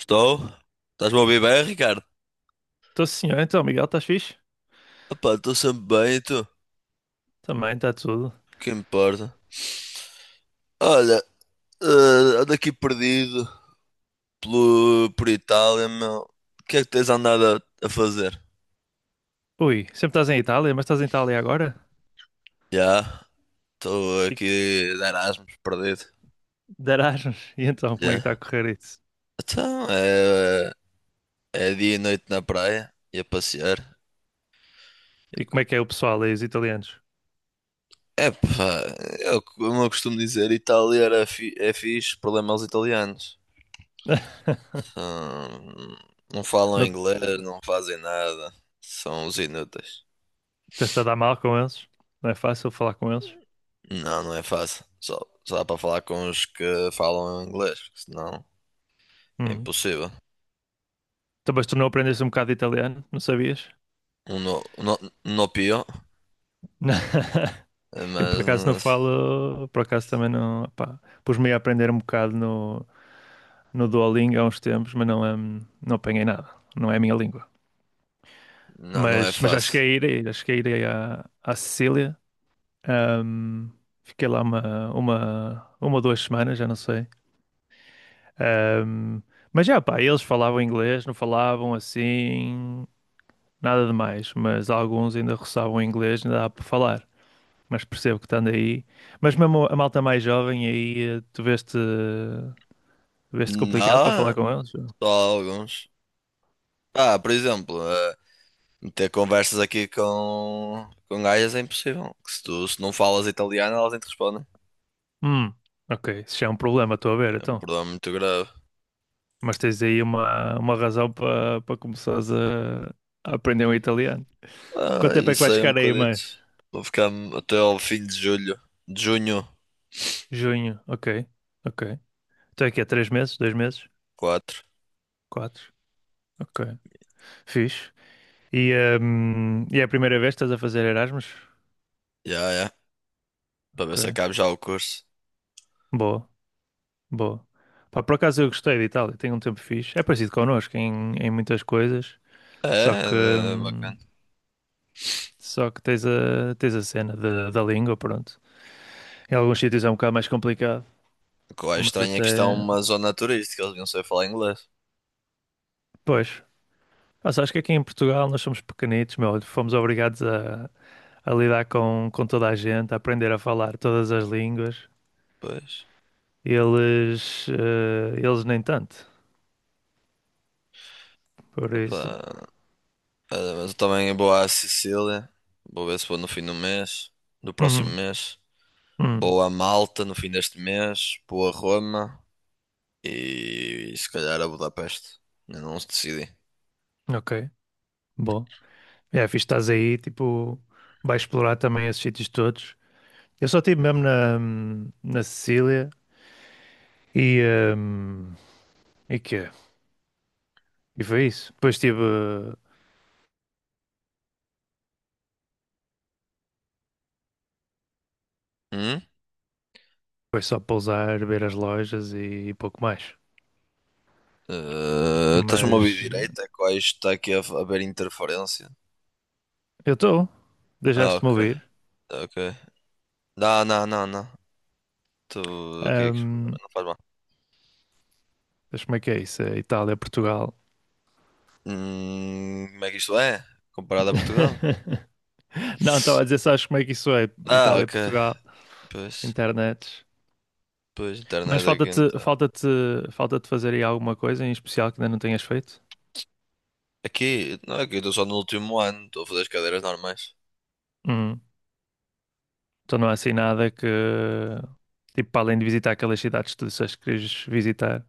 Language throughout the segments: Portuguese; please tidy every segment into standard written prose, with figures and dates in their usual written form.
Estou? Estás-me a ouvir bem, Ricardo? Estou sim, senhor. Então, Miguel, estás fixe? Epá, estou sempre bem, e tu? O Também, está tudo. que importa? Olha, ando aqui perdido por Itália, meu. O que é que tens andado a fazer? Ui, sempre estás em Itália, mas estás em Itália agora? Já, estou E aqui de Erasmus, perdido. de Erasmus. E então, como é que está a Já. correr isso? Então, é dia e noite na praia, e a passear. E E como co- é que é o pessoal aí, os italianos? Epá, como eu costumo dizer, é fixe, problema aos italianos. Hum, não falam Não inglês, não fazem nada. São os inúteis. estás a dar mal com eles? Não é fácil falar com eles? Não, não é fácil. Só dá para falar com os que falam inglês, porque senão é Hum. impossível. Então, mas tu não aprendeste um bocado de italiano? Não sabias? Um no, um no, um no pior, Eu por acaso não mas falo, por acaso também não, pá, pus-me a aprender um bocado no Duolingo há uns tempos, mas não, não apanhei nada, não é a minha língua. não, não é Mas já fácil. cheguei a ir, já cheguei a ir aí à Sicília. Ahm, Fiquei lá 1 ou 2 semanas, já não sei. Ahm, mas já, pá, eles falavam inglês, não falavam assim, nada demais. Mas alguns ainda roçavam inglês, ainda dá para falar. Mas percebo que estando aí. Mas mesmo a malta mais jovem aí, veste complicado para falar Não, com eles? só alguns. Ah, por exemplo, ter conversas aqui com gajas é impossível. Que Se tu se não falas italiano, elas nem te respondem. Hum, ok, isso já é um problema, estou a ver, É um então. problema muito grave. Mas tens aí uma razão para começares a aprender o italiano. Quanto Ah, tempo é que isso vais aí é um ficar aí bocadito. mais? Vou ficar até ao fim de julho. De junho Junho, ok, ok. Então é que é 3 meses, 2 meses, 4. quatro, ok. Fixe. E, e é a primeira vez que estás a fazer Erasmus? Já, é. Para ver Ok, se acabo já o curso. boa, boa. Pá, por acaso eu gostei de Itália, tenho um tempo fixe. É parecido connosco em muitas coisas, só que, É, é hum, bacana. só que tens a cena da língua, pronto. Em alguns sítios é um bocado mais complicado, O que eu acho mas estranho é que isto é até... uma zona turística, eles não sei falar inglês. Pois, mas acho que aqui em Portugal nós somos pequenitos, meu. Fomos obrigados a lidar com toda a gente, a aprender a falar todas as línguas. Pois. Eles nem tanto. Por isso. Opa. É, mas eu também vou à Sicília. Vou ver se vou no fim do mês. Do próximo Uhum, mês. uhum. Vou a Malta no fim deste mês. Vou a Roma. E se calhar a Budapeste. Ainda não se decidi. Ok, bom. É, fixe, estás aí, tipo, vais explorar também esses sítios todos. Eu só estive mesmo na Sicília e. hum, e quê? E foi isso. Depois tive Hum? foi só pousar, ver as lojas e pouco mais. Eh, estás-me a ouvir Mas. direito? É que hoje está aqui a haver interferência. Eu estou. Ah, Deixaste-me ok. ouvir. Tá, ok. Não, não, não, não. Tu, ok, que problema, Ahm, não faz mal. mas como é que é isso? É Itália, Portugal. Como é que isto é? Comparado a Portugal? Não, estava a dizer, sabes como é que isso é? Ah, Itália, ok. Portugal, Pois, internet. pois, Mas internet aqui então. Falta-te fazer aí alguma coisa em especial que ainda não tenhas feito? Aqui, não, aqui eu estou só no último ano, estou a fazer as cadeiras normais. Hum. Então não há assim nada que, tipo, para além de visitar aquelas cidades que tu disseste que queres visitar,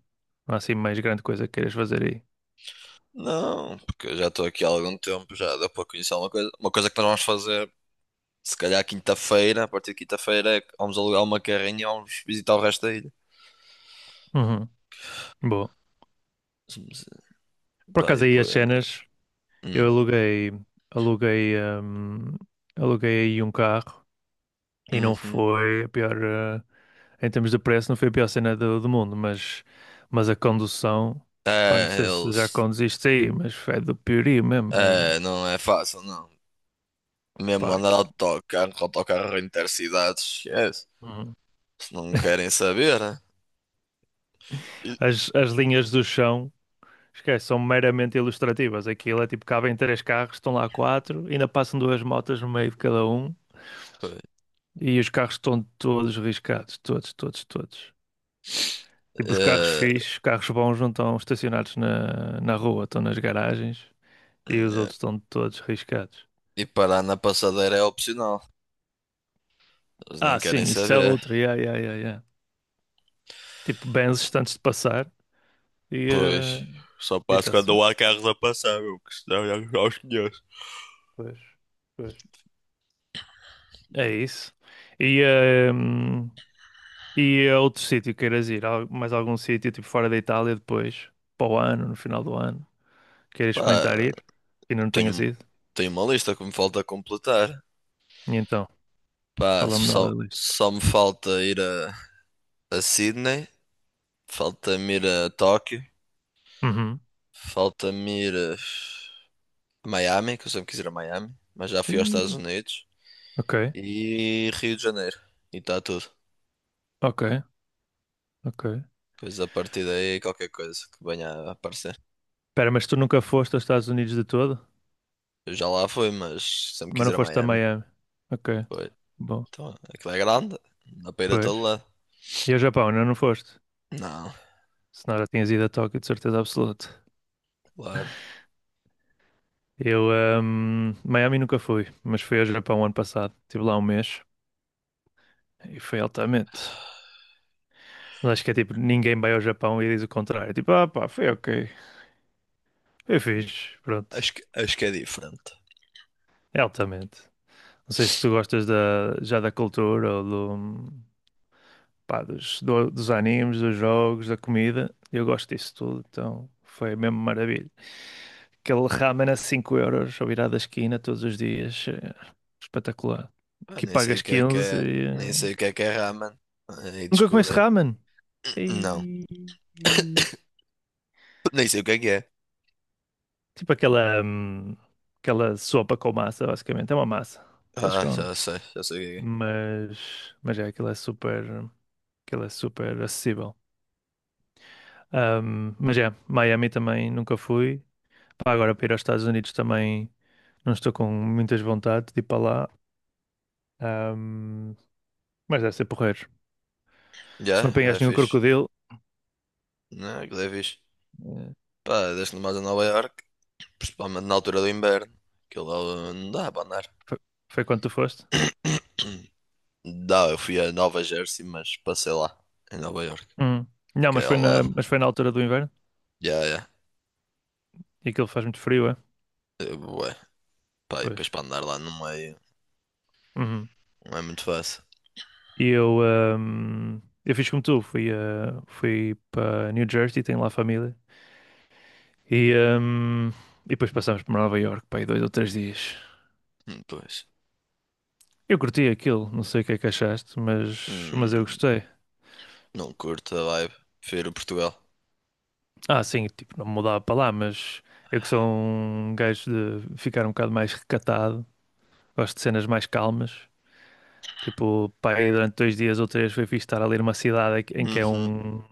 não há assim mais grande coisa que queiras fazer aí. Não, porque eu já estou aqui há algum tempo, já deu para conhecer uma coisa. Uma coisa que nós vamos fazer, se calhar quinta-feira, a partir de quinta-feira, é que vamos alugar uma carrinha e vamos visitar o resto da ilha. Uhum. Boa. Por Pá, e acaso aí as depois, cenas, eu hum, aluguei, hum, aluguei aí um carro e não uhum. foi a pior, em termos de preço, não foi a pior cena do mundo, mas a condução, pá, não É, sei se já eles. conduziste aí, mas é do piorio mesmo, É, não é fácil, não. Mesmo pá, andar de autocarro, com autocarro intercidades, esquece. uhum. Se não querem saber, né? E, As linhas do chão, esquece, são meramente ilustrativas, aquilo é tipo, cabem três carros, estão lá quatro, ainda passam duas motas no meio de cada um pois. e os carros estão todos riscados, todos, todos, todos. Tipo, os carros É, fixos, carros bons não estão estacionados na rua, estão nas garagens e os é. outros estão todos riscados. E parar na passadeira é opcional. Eles nem Ah, querem sim, isso é saber. outro, yeah, yeah, yeah, yeah. Tipo, benzes antes de passar e eh, Pois. Só e passo está-se quando bem. não há carros a passar, meu, que senão já os conheço. Pois, pois. É isso. E, eh, hum, e a outro sítio que queiras ir, mais algum sítio, tipo fora da Itália depois, para o ano, no final do ano, queiras experimentar Pá, ir, que ainda não tenhas tenho, ido? tenho uma lista que me falta completar. E então, Pá, fala-me nada só, da lista. só me falta ir a Sydney. Falta-me ir a Tóquio. Uhum. Falta-me ir a Miami, que eu sempre quis ir a Miami, mas já fui aos Estados Sim. Unidos. Ok, E Rio de Janeiro. E está tudo. ok. Ok. Pois a partir daí, qualquer coisa que venha a aparecer. Espera, mas tu nunca foste aos Estados Unidos de todo? Eu já lá fui, mas sempre Mas quis não ir a foste a Miami. Miami? Ok, Foi. bom. Então, aquilo é grande. Não dá para ir a Pois. todo lado. E ao Japão, ainda não foste? Não, Senão já tinhas ido a Tóquio, de certeza absoluta. claro. Eu, Miami nunca fui, mas fui ao Japão ano passado. Estive lá um mês e foi altamente. Mas acho que é tipo, ninguém vai ao Japão e diz o contrário. Tipo, ah pá, foi ok. Foi fixe, pronto. Acho que é diferente. É altamente. Não sei se tu gostas da, já da cultura ou pá, dos animes, dos jogos, da comida. Eu gosto disso tudo, então foi mesmo maravilha. Aquele ramen a €5 ao virar da esquina todos os dias, é espetacular. Ah, Aqui nem sei o pagas que é que 15. é. Nem sei o que é ramen. Aí Nunca comeste descobri. ramen? Não. E... e- Nem sei o que é que é. Tipo aquela, aquela sopa com massa, basicamente. É uma massa que eles Ah, comem. Já sei o que é. Mas é, aquilo é super acessível. Mas é, Miami também nunca fui. Pá, agora para ir aos Estados Unidos também não estou com muitas vontade de ir para lá. Ahm, mas deve ser porreiro. Já, Se não é apanhaste nenhum fixe. crocodilo, Não, aquilo é fixe. eh, Pá, desde mais a Nova Iorque, principalmente na altura do inverno, aquilo lá, não dá para andar. foi, foi quando tu foste? Dá, eu fui a Nova Jersey, mas passei lá, em Nova Iorque, Hum. Não, que é ao lado. mas foi na altura do inverno Já, já. e aquilo faz muito frio, é? Eh, Ué, pá, e Pois. depois para andar lá no meio, Uhum. não é muito fácil. E eu fiz como tu, fui, ah, fui para New Jersey, tenho lá família. E, ahm, e depois passámos para Nova York, pá, aí 2 ou 3 dias. Pois. Eu curti aquilo, não sei o que é que achaste, mas eu Hum, gostei. não curto a vibe. Prefiro Portugal. Ah, sim, tipo, não me mudava para lá, mas eu que sou um gajo de ficar um bocado mais recatado, gosto de cenas mais calmas. Tipo, pá, aí durante 2 dias ou 3 foi fixe estar ali numa cidade em que é Uhum. um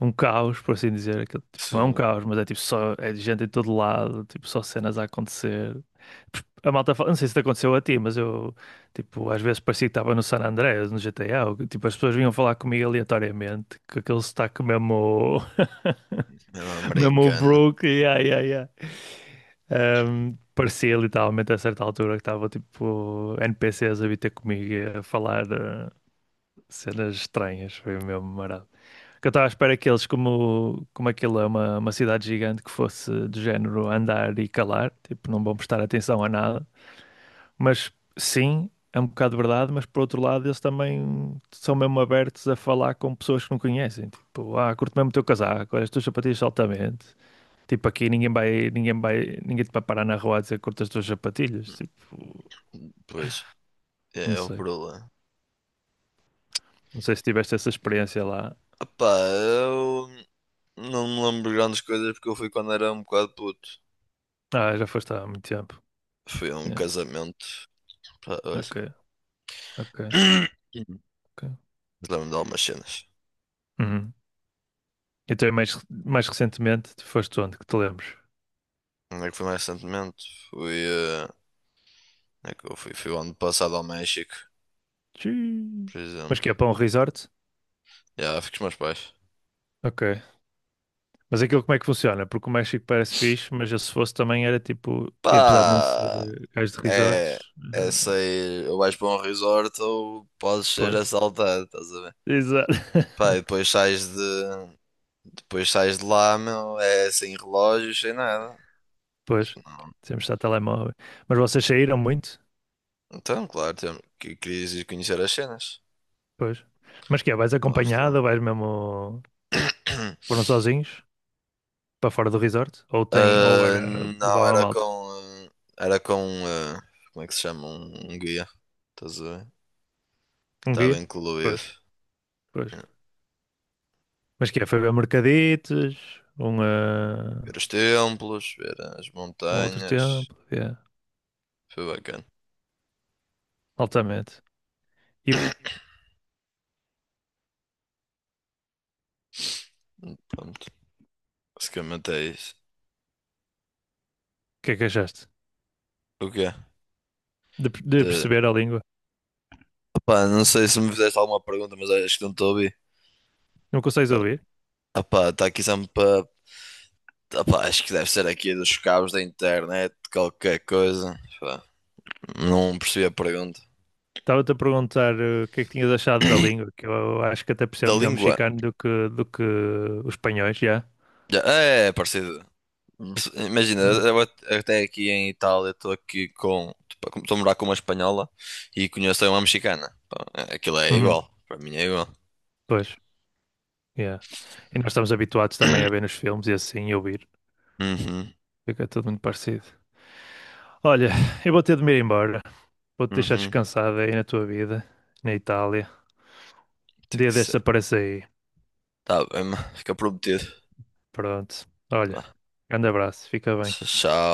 caos, por assim dizer. Aquilo, tipo, não é um Se caos, mas é tipo só é gente em todo lado, tipo, só cenas a acontecer. A malta fala, não sei se te aconteceu a ti, mas eu, tipo, às vezes parecia que estava no San Andreas, no GTA, ou que, tipo, as pessoas vinham falar comigo aleatoriamente, com aquele sotaque mesmo. é uma Mesmo o americana. brooke yeah, yeah, yeah. Parecia literalmente a certa altura que estava tipo NPCs a vir ter comigo e a falar cenas estranhas, foi mesmo marado. Que eu estava à espera que eles, como aquilo é uma cidade gigante, que fosse do género andar e calar, tipo, não vão prestar atenção a nada. Mas sim, é um bocado verdade, mas por outro lado, eles também são mesmo abertos a falar com pessoas que não conhecem. Tipo, ah, curto mesmo o teu casaco, olha, as tuas sapatilhas altamente. Tipo, aqui ninguém te vai parar na rua a dizer curto as tuas sapatilhas. Tipo, Pois, não é o sei. problema. Não sei se tiveste essa experiência lá. Opá, eu. Não me lembro de grandes coisas porque eu fui quando era um bocado puto. Ah, já foste há muito tempo. Foi a um Yeah. casamento. Pá, olha. Ok, ok, ok. Mas lembro-me de algumas cenas. Uhum. Então, e mais, mais recentemente, tu foste onde? Que te lembres? Onde é que fui mais recentemente? Fui, onde é que eu fui? Fui o ano passado ao México, Tchiii. por Mas exemplo. que é para um resort? Já, fui com os meus pais. Ok. Mas aquilo como é que funciona? Porque o México parece fixe, mas eu se fosse também era tipo, e apesar de não ser Pá! Gajo de É. resorts, É sair. Ou vais para um resort ou podes ser pois. assaltado, estás a ver? Exato. Pá, e depois sais de. Depois sais de lá, meu. É sem relógios, sem nada. Pois, sempre está telemóvel. Mas vocês saíram muito? Então, claro, tem- que querias ir conhecer as cenas. Pois. Mas que é, vais Nós acompanhado temos. ou vais mesmo, foram sozinhos para fora do resort? Ou tem, ou Ah, era, não, levava a era malta? com. Ah, Era com, ah, como é que se chama? Um guia. Estás a ver? Que Um estava guia? incluído. Pois, pois. É. Mas que é, foi ver Mercaditos, um, Ver os templos, ver as um outro montanhas. tempo, yeah, Foi bacana. altamente. E o Pronto. Basicamente é isso. que é que achaste? O quê? De De... perceber a língua? Opá, não sei se me fizeste alguma pergunta, mas acho que não estou a ouvir. Não consegues ouvir? Opá, está aqui sempre. Opá, acho que deve ser aqui dos cabos da internet, qualquer coisa. Pá, não percebi a pergunta. Estava-te a perguntar o que é que tinhas achado da língua, que eu acho que até Da percebo melhor o língua. mexicano do que os espanhóis, já. Já- é, é parecido. Imagina, Ah. eu at- até aqui em Itália estou aqui com. Estou a morar com uma espanhola e conheço uma mexicana. Pá, é- aquilo é Uhum, igual. Para mim é igual. pois, yeah. E nós estamos habituados também a ver nos filmes e assim, e ouvir. Uhum, Fica tudo muito parecido. Olha, eu vou ter de me ir embora. Vou-te deixar uhum. descansada aí na tua vida, na Itália. Um Tem dia que destes ser. aparece aí. Tá bem, mano, fica prometido. Pronto. Olha, Vá. grande abraço. Fica bem. Tchau.